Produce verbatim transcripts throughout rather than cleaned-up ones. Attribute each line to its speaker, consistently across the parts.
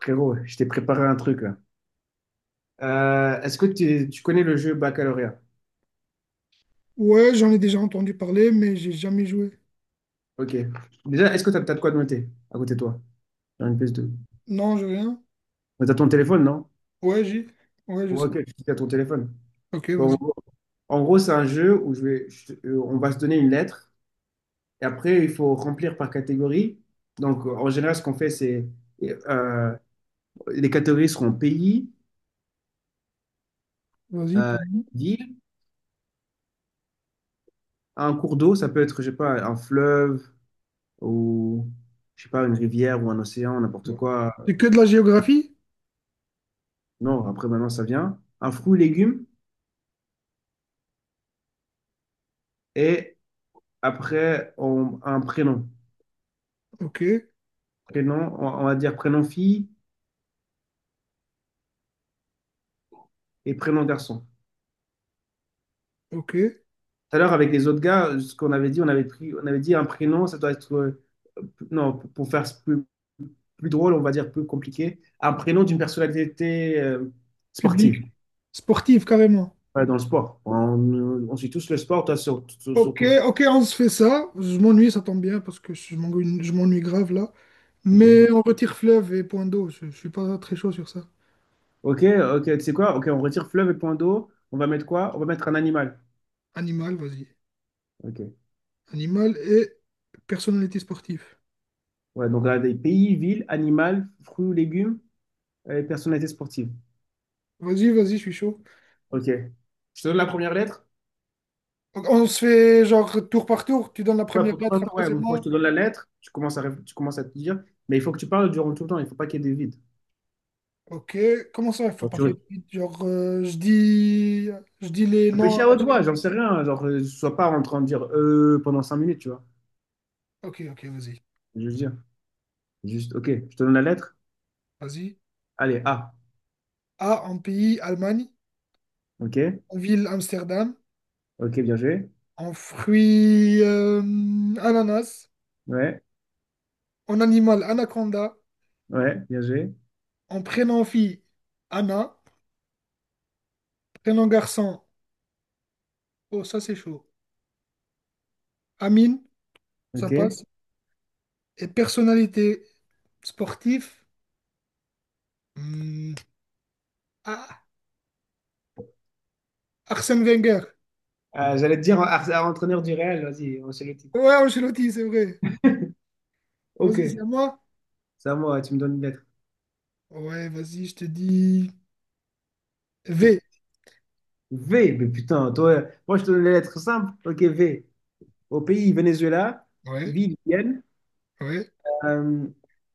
Speaker 1: Frérot, je t'ai préparé un truc là. Euh, est-ce que tu, tu connais le jeu baccalauréat?
Speaker 2: Ouais, j'en ai déjà entendu parler, mais j'ai jamais joué.
Speaker 1: Ok. Déjà, est-ce que t'as, t'as de quoi de noter à côté de toi? Sur une ps de.
Speaker 2: Non, j'ai rien.
Speaker 1: Mais t'as ton téléphone, non?
Speaker 2: Ouais, j'ai. Ouais, je
Speaker 1: Ouais,
Speaker 2: sais.
Speaker 1: ok, tu as ton téléphone.
Speaker 2: Ok,
Speaker 1: Bon, en
Speaker 2: vas-y.
Speaker 1: gros, en gros, c'est un jeu où je vais, je te- euh, on va se donner une lettre et après, il faut remplir par catégorie. Donc, euh, en général, ce qu'on fait, c'est euh, les catégories seront pays,
Speaker 2: Vas-y.
Speaker 1: euh,
Speaker 2: Public.
Speaker 1: ville, un cours d'eau, ça peut être, je sais pas, un fleuve ou, je sais pas, une rivière ou un océan, n'importe
Speaker 2: Ouais.
Speaker 1: quoi.
Speaker 2: C'est que de la géographie?
Speaker 1: Non, après maintenant ça vient. Un fruit, légume et après on, un prénom.
Speaker 2: Ok,
Speaker 1: Prénom, on, on va dire prénom fille et prénom garçon.
Speaker 2: ok.
Speaker 1: Tout à l'heure avec les autres gars, ce qu'on avait dit, on avait pris, on avait dit un prénom, ça doit être euh, non pour faire plus, plus drôle, on va dire plus compliqué, un prénom d'une personnalité euh,
Speaker 2: Public.
Speaker 1: sportive.
Speaker 2: Sportif, carrément.
Speaker 1: Ouais, dans le sport. On, on suit tous le sport, toi sur- sur-
Speaker 2: Ok,
Speaker 1: surtout le foot.
Speaker 2: ok, on se fait ça. Je m'ennuie, ça tombe bien, parce que je m'ennuie je m'ennuie grave là.
Speaker 1: Ok,
Speaker 2: Mais on retire fleuve et point d'eau. Je, je suis pas très chaud sur ça.
Speaker 1: ok, ok, tu sais quoi? Ok, on retire fleuve et point d'eau. On va mettre quoi? On va mettre un animal.
Speaker 2: Animal, vas-y.
Speaker 1: Ok.
Speaker 2: Animal et personnalité sportive.
Speaker 1: Ouais, donc là des pays, villes, animal, fruits ou légumes, euh, personnalité sportive.
Speaker 2: Vas-y, vas-y, je suis chaud.
Speaker 1: Ok. Je te donne la première lettre?
Speaker 2: Donc, on se fait genre tour par tour. Tu donnes la
Speaker 1: Ouais,
Speaker 2: première
Speaker 1: pour toi,
Speaker 2: lettre, après
Speaker 1: ouais.
Speaker 2: c'est
Speaker 1: Donc, moi je te
Speaker 2: moi.
Speaker 1: donne la lettre, tu commences à, réf- tu commences à te dire, mais il faut que tu parles durant tout le temps, il ne faut pas qu'il y ait des vides.
Speaker 2: Ok, comment ça, il faut
Speaker 1: Genre,
Speaker 2: pas
Speaker 1: tu
Speaker 2: qu'il y ait de vide? Genre, euh, je dis, je dis les noms
Speaker 1: réfléchis
Speaker 2: à
Speaker 1: à
Speaker 2: la
Speaker 1: haute
Speaker 2: chaîne.
Speaker 1: voix, j'en sais rien, genre, euh, sois pas en train de dire euh pendant cinq minutes, tu vois.
Speaker 2: Ok, ok, vas-y.
Speaker 1: Je veux dire, juste, ok, je te donne la lettre,
Speaker 2: Vas-y.
Speaker 1: allez, A.
Speaker 2: A, en pays, Allemagne.
Speaker 1: Ok,
Speaker 2: En ville, Amsterdam.
Speaker 1: ok, bien joué.
Speaker 2: En fruit, euh, ananas.
Speaker 1: Ouais,
Speaker 2: En animal, anaconda.
Speaker 1: ouais, bien joué.
Speaker 2: En prénom, fille, Anna. Prénom, garçon. Oh, ça, c'est chaud. Amine, ça
Speaker 1: Ok.
Speaker 2: passe. Et personnalité, sportif. hmm, ah, Arsène Wenger.
Speaker 1: Euh, j'allais te dire à, à entraîneur du Real, vas-y, on s'est jeté.
Speaker 2: Ouais, Ancelotti, c'est vrai.
Speaker 1: Ok,
Speaker 2: Vas-y, c'est à moi.
Speaker 1: c'est à moi, tu me donnes une lettre.
Speaker 2: Ouais, vas-y, je te dis V.
Speaker 1: V, mais putain, toi, moi je te donne les lettres simples. Ok, V. Au pays, Venezuela,
Speaker 2: Ouais,
Speaker 1: ville, Vienne.
Speaker 2: ouais.
Speaker 1: Euh,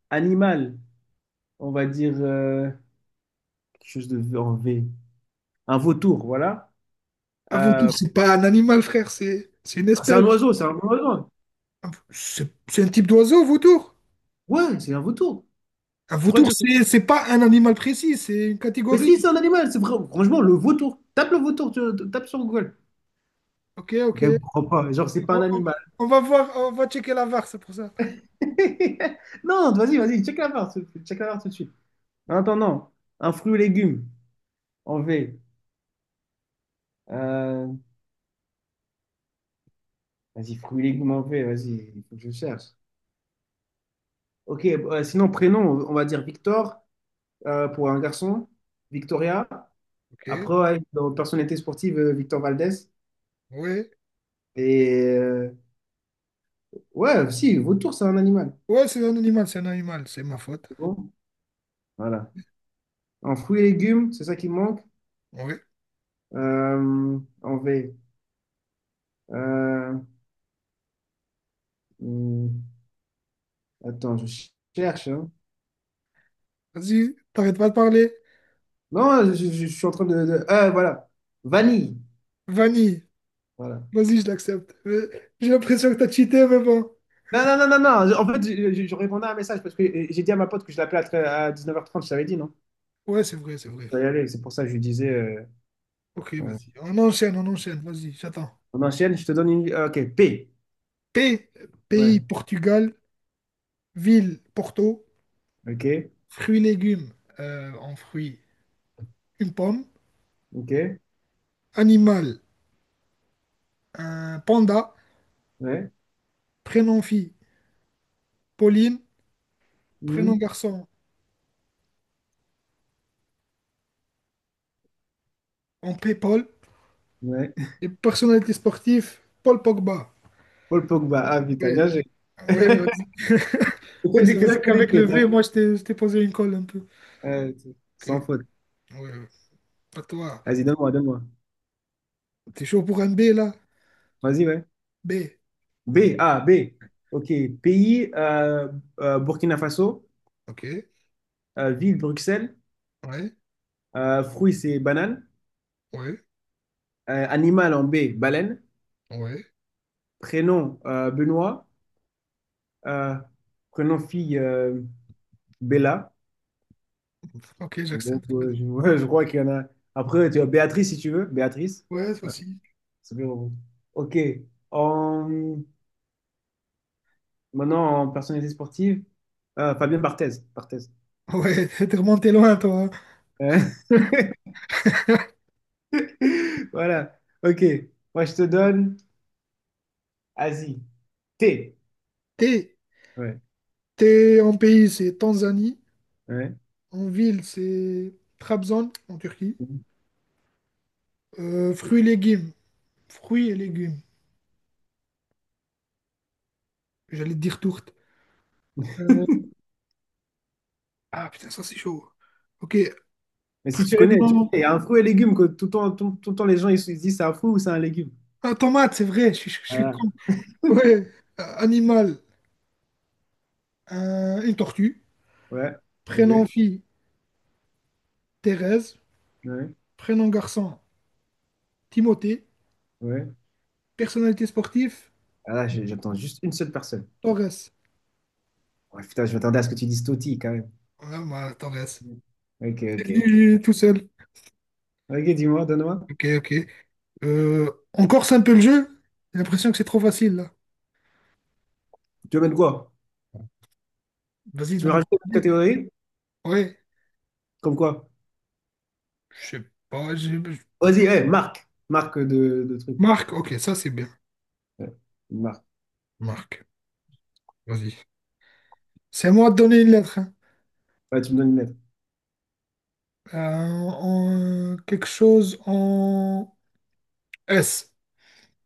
Speaker 1: Animal, on va dire euh, quelque chose de V en V. Un vautour, voilà.
Speaker 2: Un
Speaker 1: Euh,
Speaker 2: vautour, c'est pas un animal, frère, c'est c'est une
Speaker 1: c'est un
Speaker 2: espèce.
Speaker 1: oiseau, c'est un oiseau.
Speaker 2: Un- C'est c'est un type d'oiseau, vautour.
Speaker 1: Ouais, c'est un vautour.
Speaker 2: Un
Speaker 1: Tu crois que
Speaker 2: vautour,
Speaker 1: ça...
Speaker 2: c'est c'est pas un animal précis, c'est une
Speaker 1: Mais
Speaker 2: catégorie.
Speaker 1: si, c'est un animal, c'est vrai. Franchement, le vautour. Tape le vautour, tu tu- tapes sur Google.
Speaker 2: Ok,
Speaker 1: Les
Speaker 2: ok.
Speaker 1: gars, je comprends pas. Genre, c'est pas un
Speaker 2: On, on va
Speaker 1: animal.
Speaker 2: on va voir, on va checker la V A R, c'est pour ça.
Speaker 1: Non, vas-y, vas-y, check la barre, tout- check la barre tout de suite. En attendant, un fruit ou légume en V. Euh, Vas-y, fruits et légumes en V, vas-y, il faut que je cherche. Ok, euh, sinon, prénom, on va dire Victor euh, pour un garçon, Victoria.
Speaker 2: Ok,
Speaker 1: Après, ouais, dans personnalité sportive, euh, Victor Valdez.
Speaker 2: ouais.
Speaker 1: Et euh, ouais, si, vautour, c'est un animal.
Speaker 2: Ouais, c'est un animal, c'est un animal, c'est ma faute.
Speaker 1: C'est bon, voilà. En fruits et légumes, c'est ça qui me manque.
Speaker 2: Ouais.
Speaker 1: Euh, en V. Euh, hmm, Attends, je cherche, hein.
Speaker 2: Vas-y, t'arrêtes pas de parler.
Speaker 1: Non, je, je- je suis en train de. de- euh, voilà. Vanille.
Speaker 2: Vanille,
Speaker 1: Voilà.
Speaker 2: vas-y, je l'accepte. Euh, J'ai l'impression que t'as cheaté, mais bon.
Speaker 1: Non, non, non, non, non. En fait, je, je- je répondais à un message parce que euh, j'ai dit à ma pote que je l'appelais à, tre- à dix-neuf heures trente, je t'avais dit, non?
Speaker 2: Ouais, c'est vrai, c'est vrai.
Speaker 1: Je dois y aller, c'est pour ça que je lui disais. euh,
Speaker 2: Ok,
Speaker 1: euh,
Speaker 2: vas-y. On enchaîne, on enchaîne, vas-y, j'attends.
Speaker 1: on enchaîne, je te donne une. Ah, ok, P.
Speaker 2: P, pays
Speaker 1: Ouais.
Speaker 2: Portugal, ville Porto,
Speaker 1: Ok,
Speaker 2: fruits légumes euh, en fruits, une pomme,
Speaker 1: ok,
Speaker 2: animal, un panda,
Speaker 1: ouais.
Speaker 2: prénom fille, Pauline, prénom
Speaker 1: Mhm.
Speaker 2: garçon, en P, Paul,
Speaker 1: Ouais.
Speaker 2: et personnalité sportive, Paul Pogba.
Speaker 1: Paul Pogba, ah putain, bien
Speaker 2: Ouais,
Speaker 1: joué.
Speaker 2: ouais, ouais.
Speaker 1: C'était
Speaker 2: Ouais,
Speaker 1: dit
Speaker 2: c'est
Speaker 1: que
Speaker 2: vrai
Speaker 1: c'était des
Speaker 2: qu'avec
Speaker 1: P,
Speaker 2: le V,
Speaker 1: t'as-
Speaker 2: moi, je t'ai je t'ai posé une colle un peu.
Speaker 1: euh, c'est-
Speaker 2: Ok,
Speaker 1: sans faute.
Speaker 2: ouais, ouais. À toi.
Speaker 1: Vas-y, donne-moi, donne-moi.
Speaker 2: T'es chaud pour un B, là?
Speaker 1: Vas-y, ouais.
Speaker 2: B,
Speaker 1: B, A, B. Ok, pays, euh, euh, Burkina Faso.
Speaker 2: ok,
Speaker 1: Euh, ville, Bruxelles.
Speaker 2: ouais,
Speaker 1: Euh, fruits, c'est banane.
Speaker 2: ouais,
Speaker 1: Euh, animal en B, baleine.
Speaker 2: ouais.
Speaker 1: Prénom euh, Benoît, euh, prénom fille euh, Bella.
Speaker 2: Ok,
Speaker 1: Donc,
Speaker 2: j'accepte.
Speaker 1: euh, je, ouais, je crois qu'il y en a. Après, tu as Béatrice si tu veux. Béatrice,
Speaker 2: Ouais, toi aussi.
Speaker 1: c'est bien. Ok. En- Maintenant, en personnalité sportive, euh, Fabien Barthez. Barthez.
Speaker 2: Ouais, t'es remonté loin, toi, hein.
Speaker 1: Euh, Voilà. Ok. Moi, je te donne Asie. Thé.
Speaker 2: T'es,
Speaker 1: Ouais.
Speaker 2: t'es en pays, c'est Tanzanie.
Speaker 1: Ouais.
Speaker 2: En ville, c'est Trabzon, en Turquie. Euh, fruits et légumes. Fruits et légumes. J'allais te dire tourte. Euh, ah putain, ça c'est chaud. Ok.
Speaker 1: Mais si tu connais, tu
Speaker 2: Prénom.
Speaker 1: connais. Il y a un fruit et légume que tout le temps, tout, tout le temps les gens ils se disent c'est un fruit ou c'est un légume.
Speaker 2: Ah, tomate, c'est vrai, je, suis je suis
Speaker 1: Voilà.
Speaker 2: con. Ouais. Euh, animal, un- une tortue.
Speaker 1: Ouais. Ok.
Speaker 2: Prénom fille, Thérèse.
Speaker 1: Ouais.
Speaker 2: Prénom garçon, Timothée.
Speaker 1: Ouais.
Speaker 2: Personnalité sportive,
Speaker 1: Ah là, j'ai- j'attends juste une seule personne.
Speaker 2: Torres.
Speaker 1: Ouais, putain, je m'attendais à ce que tu dises Totti quand même.
Speaker 2: Ouais, moi, Torres.
Speaker 1: Ok,
Speaker 2: C'est
Speaker 1: ok.
Speaker 2: venu tout seul.
Speaker 1: Ok, dis-moi, donne-moi.
Speaker 2: Ok, ok. Euh, on corse un peu le jeu? J'ai l'impression que c'est trop facile, là.
Speaker 1: Tu veux mettre quoi?
Speaker 2: Vas-y,
Speaker 1: Tu veux
Speaker 2: donne-moi
Speaker 1: rajouter
Speaker 2: une
Speaker 1: une
Speaker 2: idée.
Speaker 1: catégorie?
Speaker 2: Ouais,
Speaker 1: Comme quoi?
Speaker 2: je sais pas. j'ai- je-
Speaker 1: Vas-y, eh, marque. Marque de, de truc.
Speaker 2: Marc, ok, ça c'est bien.
Speaker 1: Ouais, une marque.
Speaker 2: Marc, vas-y. C'est à moi de donner une lettre, hein.
Speaker 1: Ouais, tu me donnes une lettre.
Speaker 2: Euh, en- quelque chose en S.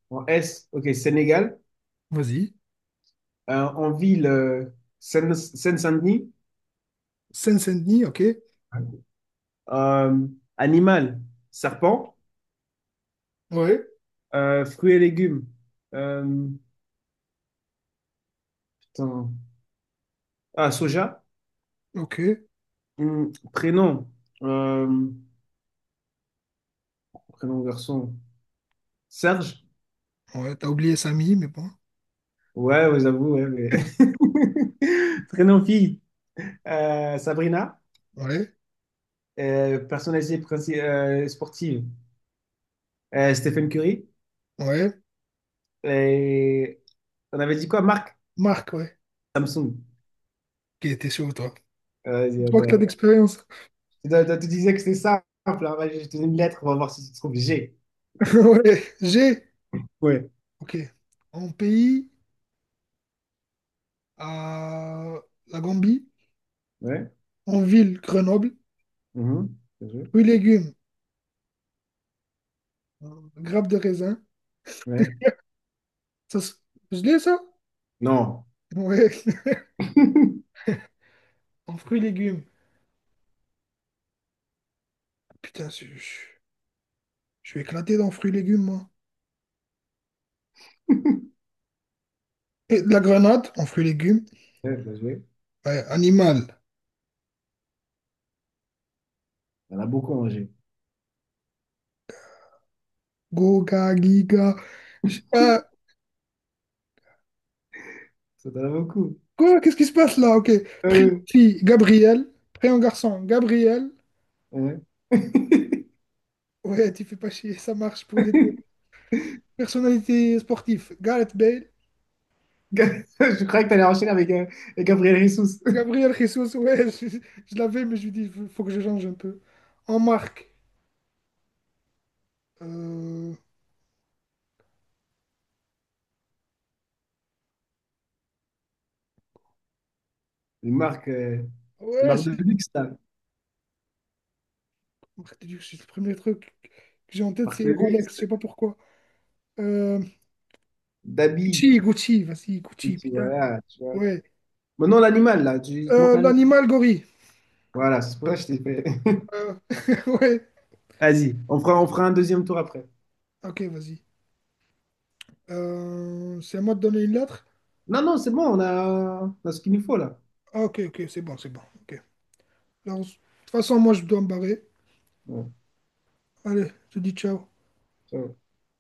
Speaker 1: En S, ok, Sénégal.
Speaker 2: Vas-y.
Speaker 1: Euh, en ville, euh, Seine- Seine-Saint-Denis.
Speaker 2: Seine-Saint-Denis, ok.
Speaker 1: Euh, Animal, serpent.
Speaker 2: Ouais.
Speaker 1: Euh, fruits et légumes. Euh, Putain. Ah, soja.
Speaker 2: Ok.
Speaker 1: Hum, prénom. Euh, Prénom garçon. Serge?
Speaker 2: Ouais, t'as oublié Samy, mais bon.
Speaker 1: Ouais, ouais, j'avoue, ouais, mais... Très non fille. Euh, Sabrina,
Speaker 2: Ouais,
Speaker 1: euh, personnalité princi- euh, sportive. Euh, Stephen Curry.
Speaker 2: ouais.
Speaker 1: Et on avait dit quoi, Marc?
Speaker 2: Marc, ouais.
Speaker 1: Samsung.
Speaker 2: Ok, t'es chaud, toi.
Speaker 1: Euh,
Speaker 2: Je
Speaker 1: Vas-y,
Speaker 2: vois que
Speaker 1: attends,
Speaker 2: t'as
Speaker 1: attends.
Speaker 2: d'expérience.
Speaker 1: Tu, tu- tu disais que c'était simple, hein. Vas-y, je te donne une lettre, on va voir si tu trouves G.
Speaker 2: Ouais, G.
Speaker 1: Ouais.
Speaker 2: Ok. En pays. À la Gambie,
Speaker 1: Ouais.
Speaker 2: en ville, Grenoble,
Speaker 1: Mhm. Bien joué.
Speaker 2: fruits, légumes, euh, grappes de raisin.
Speaker 1: Ouais.
Speaker 2: Ça, c'est- je l'ai ça?
Speaker 1: Non.
Speaker 2: Ouais, en fruits, légumes. Putain, je, je- je suis éclaté dans fruits, légumes, moi. Et de la grenade, en fruits, légumes.
Speaker 1: Ouais, bien joué.
Speaker 2: Ouais, animal.
Speaker 1: Il y en a beaucoup en G.
Speaker 2: Goga, giga. Je sais pas.
Speaker 1: Ça t'en a beaucoup.
Speaker 2: Quoi? Qu'est-ce qui se passe là? Ok. Prénom
Speaker 1: Euh,
Speaker 2: fille, Gabriel. Prénom garçon, Gabriel.
Speaker 1: ouais.
Speaker 2: Ouais, tu fais pas chier, ça marche pour les deux. Personnalité sportive, Gareth Bale.
Speaker 1: Je croyais que t'allais enchaîner avec euh, avec Gabriel Jesus.
Speaker 2: Gabriel Jesus, ouais, je, je- l'avais, mais je lui dis, il faut que je change un peu. En marque, euh,
Speaker 1: Une marque, euh, une
Speaker 2: ouais,
Speaker 1: marque de
Speaker 2: c'est-
Speaker 1: luxe, là. Une
Speaker 2: marque de luxe, c'est le premier truc que j'ai en tête,
Speaker 1: marque
Speaker 2: c'est
Speaker 1: de luxe,
Speaker 2: Rolex, je sais pas pourquoi. Euh,
Speaker 1: d'habits.
Speaker 2: Gucci, Gucci, vas-y,
Speaker 1: Et
Speaker 2: Gucci,
Speaker 1: puis
Speaker 2: putain,
Speaker 1: voilà, tu vois.
Speaker 2: ouais.
Speaker 1: Maintenant, l'animal, là, tu te manques
Speaker 2: Euh,
Speaker 1: un animal.
Speaker 2: l'animal gorille.
Speaker 1: Voilà, c'est pour ça que je t'ai fait.
Speaker 2: Euh, ouais,
Speaker 1: Vas-y, on fera, on fera un deuxième tour après.
Speaker 2: ok, vas-y. Euh, c'est à moi de donner une lettre?
Speaker 1: Non, non, c'est bon, on a, on a ce qu'il nous faut, là.
Speaker 2: Ah, ok, ok, c'est bon, c'est bon, ok. Alors, de toute façon, moi, je dois me barrer.
Speaker 1: Ouais,
Speaker 2: Allez, je te dis ciao.
Speaker 1: ça va.